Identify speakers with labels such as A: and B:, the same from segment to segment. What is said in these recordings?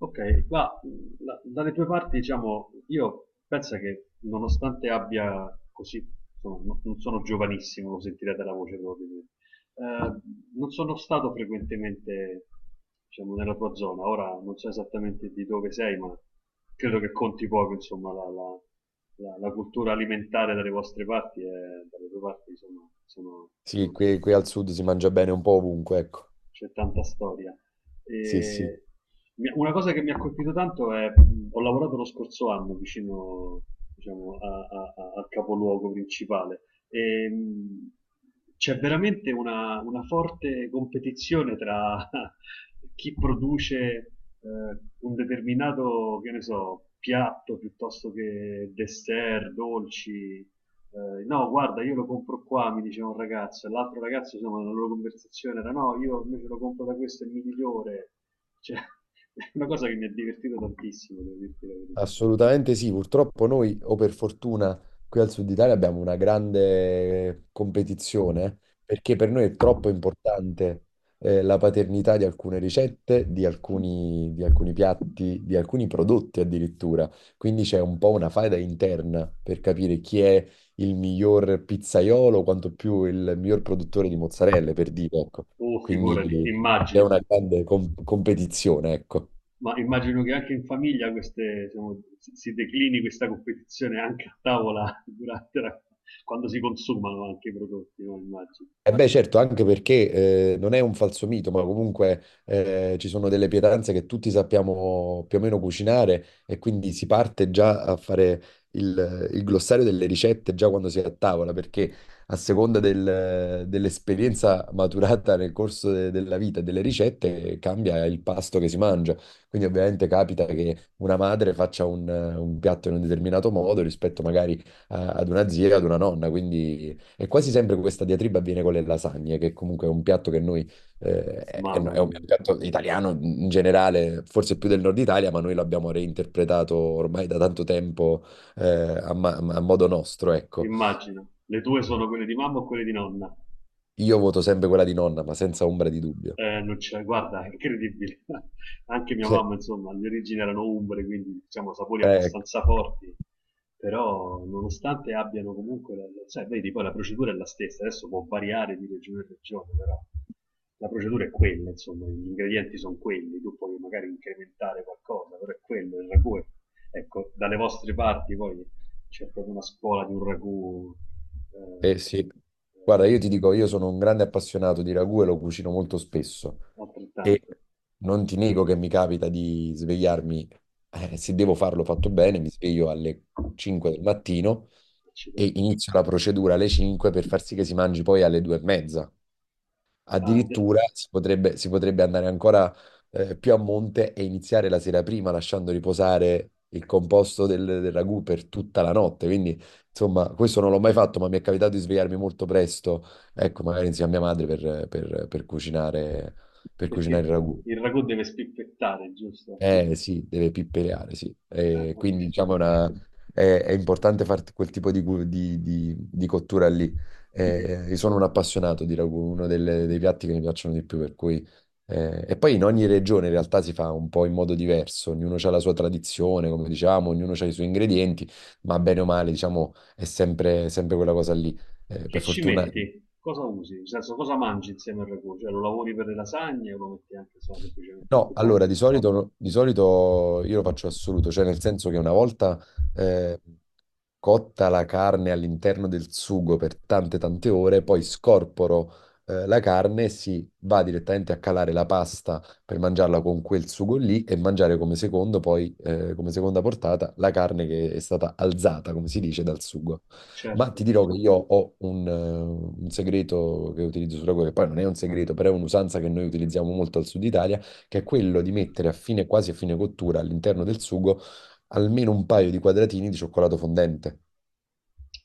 A: Ok, qua dalle tue parti, diciamo, io penso che nonostante abbia così, insomma, non sono giovanissimo, lo sentirete la voce proprio, eh, non sono stato frequentemente, diciamo, nella tua zona. Ora non so esattamente di dove sei, ma credo che conti poco, insomma, la cultura alimentare dalle vostre parti, e dalle tue parti, insomma, sono
B: Sì, qui al sud si mangia bene un po' ovunque, ecco.
A: c'è tanta storia.
B: Sì, sì.
A: E una cosa che mi ha colpito tanto è, ho lavorato lo scorso anno vicino, diciamo, al capoluogo principale e c'è veramente una forte competizione tra chi produce un determinato, che ne so, piatto piuttosto che dessert, dolci, no, guarda, io lo compro qua, mi diceva un ragazzo, e l'altro ragazzo, insomma, nella loro conversazione era no, io invece lo compro da questo, è migliore. Cioè, è una cosa che mi ha divertito tantissimo, devo dirti la verità.
B: Assolutamente sì, purtroppo noi, o per fortuna, qui al Sud Italia abbiamo una grande competizione, perché per noi è troppo importante, la paternità di alcune ricette, di alcuni piatti, di alcuni prodotti addirittura. Quindi c'è un po' una faida interna per capire chi è il miglior pizzaiolo, quanto più il miglior produttore di mozzarelle, per dire, ecco.
A: Oh, figurati,
B: Quindi c'è
A: immagino.
B: una grande competizione, ecco.
A: Ma immagino che anche in famiglia queste, diciamo, si declini questa competizione anche a tavola durante quando si consumano anche i prodotti, no? Immagino.
B: Eh beh, certo, anche perché non è un falso mito, ma comunque ci sono delle pietanze che tutti sappiamo più o meno cucinare, e quindi si parte già a fare il glossario delle ricette già quando si è a tavola, perché a seconda dell'esperienza maturata nel corso della vita e delle ricette cambia il pasto che si mangia. Quindi ovviamente capita che una madre faccia un piatto in un determinato modo rispetto magari ad una zia, ad una nonna, quindi... E quasi sempre questa diatriba avviene con le lasagne, che comunque è un piatto che noi,
A: Mamma
B: è un
A: mia,
B: piatto italiano in generale, forse più del nord Italia, ma noi l'abbiamo reinterpretato ormai da tanto tempo, a modo nostro, ecco.
A: immagino. Le tue sono quelle di mamma o quelle di nonna?
B: Io voto sempre quella di nonna, ma senza ombra di dubbio.
A: Non c'è, guarda, è incredibile. Anche mia mamma, insomma, le origini erano umbre, quindi diciamo sapori
B: Eh, eh,
A: abbastanza forti, però nonostante abbiano comunque, cioè, vedi, poi la procedura è la stessa, adesso può variare di regione in regione, però la procedura è quella, insomma, gli ingredienti sono quelli, tu puoi magari incrementare qualcosa, però è quello, il ragù. Ecco, dalle vostre parti poi c'è proprio una scuola di un ragù, eh,
B: sì. Guarda, io ti
A: insomma,
B: dico, io sono un grande appassionato di ragù e lo cucino molto spesso. E
A: altrettanto.
B: non ti nego che mi capita di svegliarmi, se devo farlo fatto bene, mi sveglio alle 5 del mattino e
A: Accidenti.
B: inizio la procedura alle 5 per far sì che si mangi poi alle 2 e mezza.
A: Ah, de-
B: Addirittura si potrebbe andare ancora più a monte e iniziare la sera prima lasciando riposare il composto del ragù per tutta la notte. Quindi, insomma, questo non l'ho mai fatto, ma mi è capitato di svegliarmi molto presto, ecco, magari insieme a mia madre per, per cucinare il
A: Perché
B: ragù.
A: il ragù deve spippettare, giusto?
B: Eh sì, deve pippereare, sì.
A: Ah, ok.
B: Quindi diciamo una... è importante fare quel tipo di, di cottura lì.
A: E
B: Io sono un appassionato di ragù, uno dei piatti che mi piacciono di più, per cui... e poi in ogni regione in realtà si fa un po' in modo diverso, ognuno ha la sua tradizione, come diciamo, ognuno ha i suoi ingredienti, ma bene o male, diciamo, è sempre quella cosa lì. Per
A: che ci
B: fortuna.
A: metti? Cosa usi? Nel senso, cosa mangi insieme al ragù? Cioè, lo lavori per le lasagne o lo metti anche insomma, semplicemente su
B: No, allora
A: pasta?
B: di solito, di solito io lo faccio assoluto, cioè nel senso che una volta eh, cotta la carne all'interno del sugo per tante ore, poi scorporo la carne e si va direttamente a calare la pasta per mangiarla con quel sugo lì e mangiare come secondo, poi come seconda portata la carne che è stata alzata, come si dice, dal sugo. Ma ti
A: Certo.
B: dirò che io ho un segreto che utilizzo sulla cuoca, che poi non è un segreto, però è un'usanza che noi utilizziamo molto al sud Italia, che è quello di mettere a fine, quasi a fine cottura all'interno del sugo almeno un paio di quadratini di cioccolato fondente,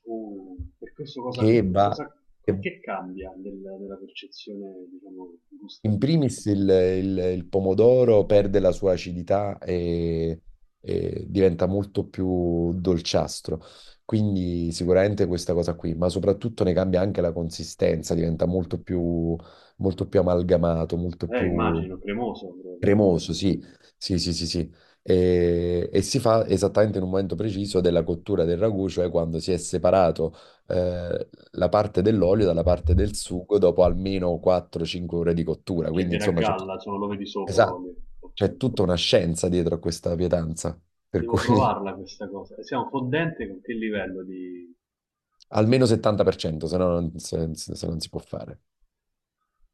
A: Per questo
B: che va,
A: cosa,
B: che
A: che cambia nella percezione, diciamo,
B: in
A: gustativa?
B: primis il pomodoro perde la sua acidità, e diventa molto più dolciastro. Quindi sicuramente questa cosa qui, ma soprattutto ne cambia anche la consistenza, diventa molto più amalgamato, molto più...
A: Immagino, cremoso probabilmente.
B: Cremoso, sì, sì. E si fa esattamente in un momento preciso della cottura del ragù, cioè quando si è separato la parte dell'olio dalla parte del sugo dopo almeno 4-5 ore di cottura.
A: Che
B: Quindi,
A: viene a
B: insomma,
A: galla, insomma, lo vedi sopra
B: esatto,
A: l'olio. Ok.
B: c'è tutta una scienza dietro a questa pietanza, per
A: Devo
B: cui...
A: provarla questa cosa. E siamo fondente con che livello di...
B: almeno 70%, se no non, se non si può fare.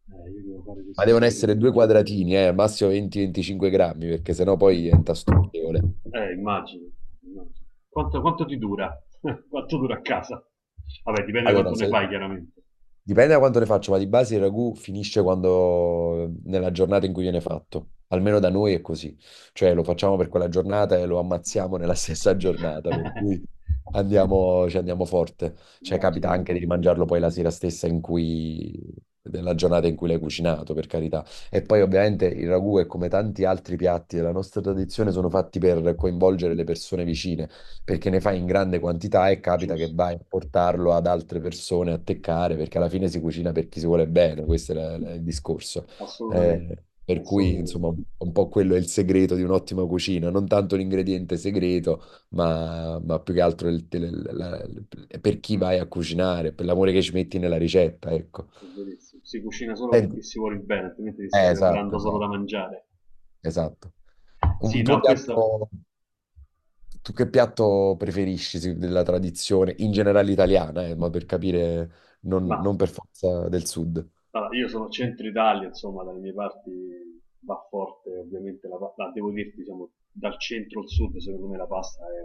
A: Io devo fare
B: Ma
A: questo
B: devono essere due
A: esperimento.
B: quadratini, al massimo 20-25 grammi, perché sennò poi diventa stucchevole.
A: Immagino. Immagino. Quanto ti dura? Quanto dura a casa? Vabbè, dipende
B: Allora,
A: quanto ne
B: se,
A: fai, chiaramente.
B: Dipende da quanto ne faccio, ma di base il ragù finisce quando, nella giornata in cui viene fatto. Almeno da noi è così. Cioè lo facciamo per quella giornata e lo ammazziamo nella stessa giornata, per cui ci andiamo forte. Cioè
A: Immagino
B: capita
A: il
B: anche di
A: profumo.
B: mangiarlo poi la sera stessa della giornata in cui l'hai cucinato, per carità. E poi ovviamente il ragù è come tanti altri piatti della nostra tradizione, sono fatti per coinvolgere le persone vicine, perché ne fai in grande quantità e capita che
A: Giusto,
B: vai a portarlo ad altre persone a teccare, perché alla fine si cucina per chi si vuole bene, questo è il discorso.
A: assolutamente.
B: Per cui, insomma,
A: Assolutamente.
B: un po' quello è il segreto di un'ottima cucina, non tanto l'ingrediente segreto, ma più che altro per chi vai a cucinare, per l'amore che ci metti nella ricetta, ecco.
A: È verissimo. Si cucina solo
B: Eh,
A: perché si vuole il bene, altrimenti ti stai
B: esatto,
A: preparando solo da mangiare.
B: esatto. Un
A: Sì,
B: tuo
A: no, questo...
B: piatto. Tu che piatto preferisci della tradizione in generale italiana, ma per capire,
A: Ma
B: non per forza del sud.
A: Allora, io sono centro Italia, insomma, dalle mie parti va forte ovviamente la pasta, devo dirti, diciamo, dal centro al sud, secondo me la pasta è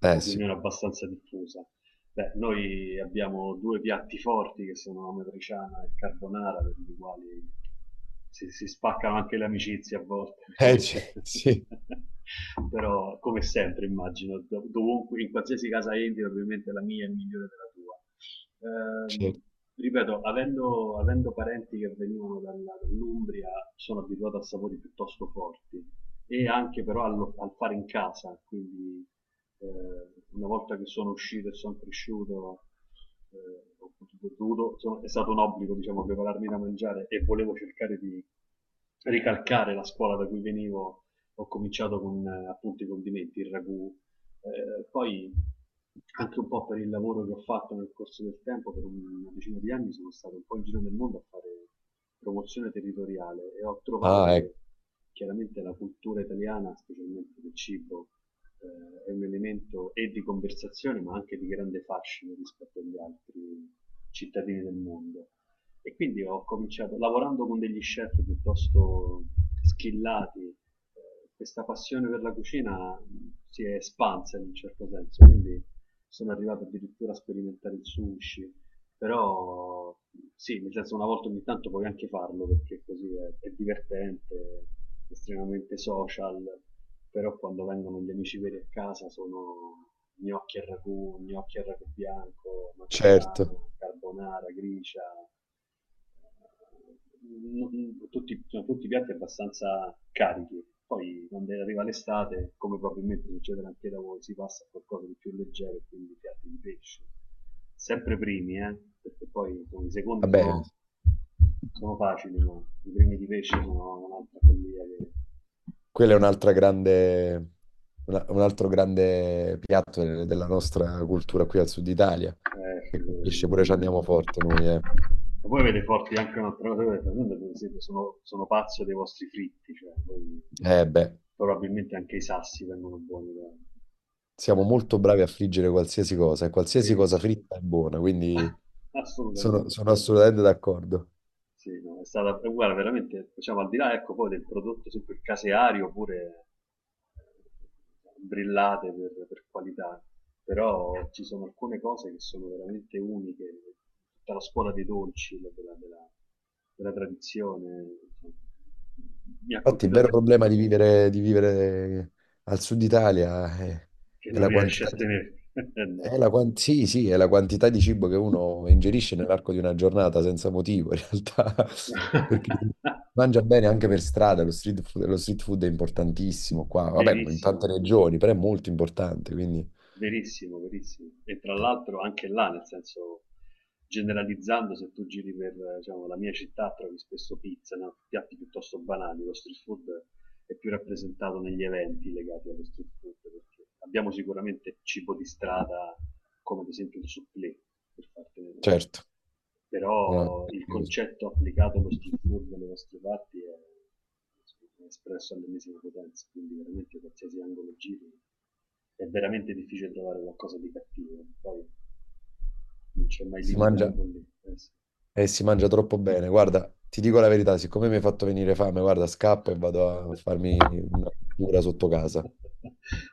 B: Eh sì.
A: un'opinione abbastanza diffusa. Beh, noi abbiamo due piatti forti che sono la matriciana e il carbonara, per i quali si spaccano anche le amicizie a volte,
B: Sì,
A: perché- però come sempre immagino, dovunque, in qualsiasi casa entri, probabilmente la mia è migliore della tua.
B: certo.
A: Ehm, ripeto, avendo parenti che venivano dall'Umbria, sono abituato a sapori piuttosto forti e anche però fare in casa, quindi eh, una volta che sono uscito e sono cresciuto, eh, ho è stato un obbligo, diciamo, prepararmi da mangiare e volevo cercare di ricalcare la scuola da cui venivo. Ho cominciato con appunto i condimenti, il ragù, poi anche un po' per il lavoro che ho fatto nel corso del tempo, per una decina di anni sono stato un po' in giro nel mondo a fare promozione territoriale e ho trovato
B: Ah, ecco,
A: che chiaramente la cultura italiana, specialmente del cibo, è un elemento e di conversazione ma anche di grande fascino rispetto agli altri cittadini del mondo. E quindi ho cominciato lavorando con degli chef piuttosto schillati questa passione per la cucina si è espansa in un certo senso, quindi sono arrivato addirittura a sperimentare il sushi, però sì, nel senso una volta ogni tanto puoi anche farlo perché così è divertente, è estremamente social, però quando vengono gli amici veri a casa sono gnocchi al ragù bianco,
B: certo.
A: matriciana, carbonara, gricia, sono tutti piatti abbastanza carichi. Poi quando arriva l'estate, come probabilmente succede anche da voi, si passa a qualcosa di più leggero, quindi piatti di pesce. Sempre primi, perché poi insomma, i secondi
B: Vabbè,
A: sono facili, ma i primi di pesce sono un'altra follia che
B: quello è un altro grande piatto della nostra cultura qui al sud Italia,
A: eh,
B: che
A: figura,
B: colpisce pure, ci
A: immagino.
B: andiamo forte noi, eh.
A: Ma poi avete forti anche un'altra cosa, noi, per esempio sono pazzo dei vostri fritti,
B: Eh beh,
A: probabilmente anche i sassi vengono buoni da... da
B: siamo molto bravi a friggere qualsiasi cosa, e qualsiasi cosa
A: verissimo.
B: fritta è buona, quindi
A: Assolutamente.
B: sono assolutamente d'accordo.
A: Sì, no, è stata, guarda, veramente, diciamo, al di là, ecco, poi del prodotto sempre caseario, pure brillate per qualità, però ci sono alcune cose che sono veramente uniche, tutta la scuola dei dolci, della tradizione, insomma, mi ha
B: Infatti, il
A: colpito
B: vero problema di vivere al sud Italia
A: che
B: è
A: non
B: la
A: riesce a
B: quantità,
A: tenerti. No.
B: è la sì, sì, è la quantità di cibo che uno ingerisce nell'arco di una giornata senza motivo, in realtà, perché si mangia bene anche per strada, lo street food è importantissimo qua, vabbè, come in tante
A: Verissimo.
B: regioni, però è molto importante, quindi
A: Verissimo, verissimo. E tra l'altro anche là, nel senso, generalizzando, se tu giri per, diciamo, la mia città trovi spesso pizza, no? Piatti piuttosto banali, lo street food è più rappresentato negli eventi legati allo street food, perché abbiamo sicuramente cibo di strada come ad esempio il supplé, per farti vedere.
B: certo, una-
A: Però il concetto applicato allo street food dalle nostre parti è espresso all'ennesima potenza, quindi veramente qualsiasi angolo giri è veramente difficile trovare qualcosa di cattivo, poi non c'è mai
B: si
A: limite
B: mangia,
A: alla follia. Eh sì.
B: e si mangia troppo bene. Guarda, ti dico la verità, siccome mi hai fatto venire fame, guarda, scappo e vado a farmi una cura sotto casa.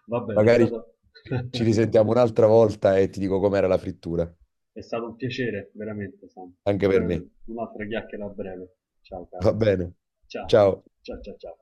A: Va bene, è
B: Magari
A: stato...
B: ci risentiamo un'altra volta e ti dico com'era la frittura,
A: È stato un piacere, veramente, Sam.
B: anche per me.
A: Un'altra chiacchiera a breve. Ciao,
B: Va
A: caro.
B: bene.
A: Ciao,
B: Ciao.
A: ciao, ciao, ciao.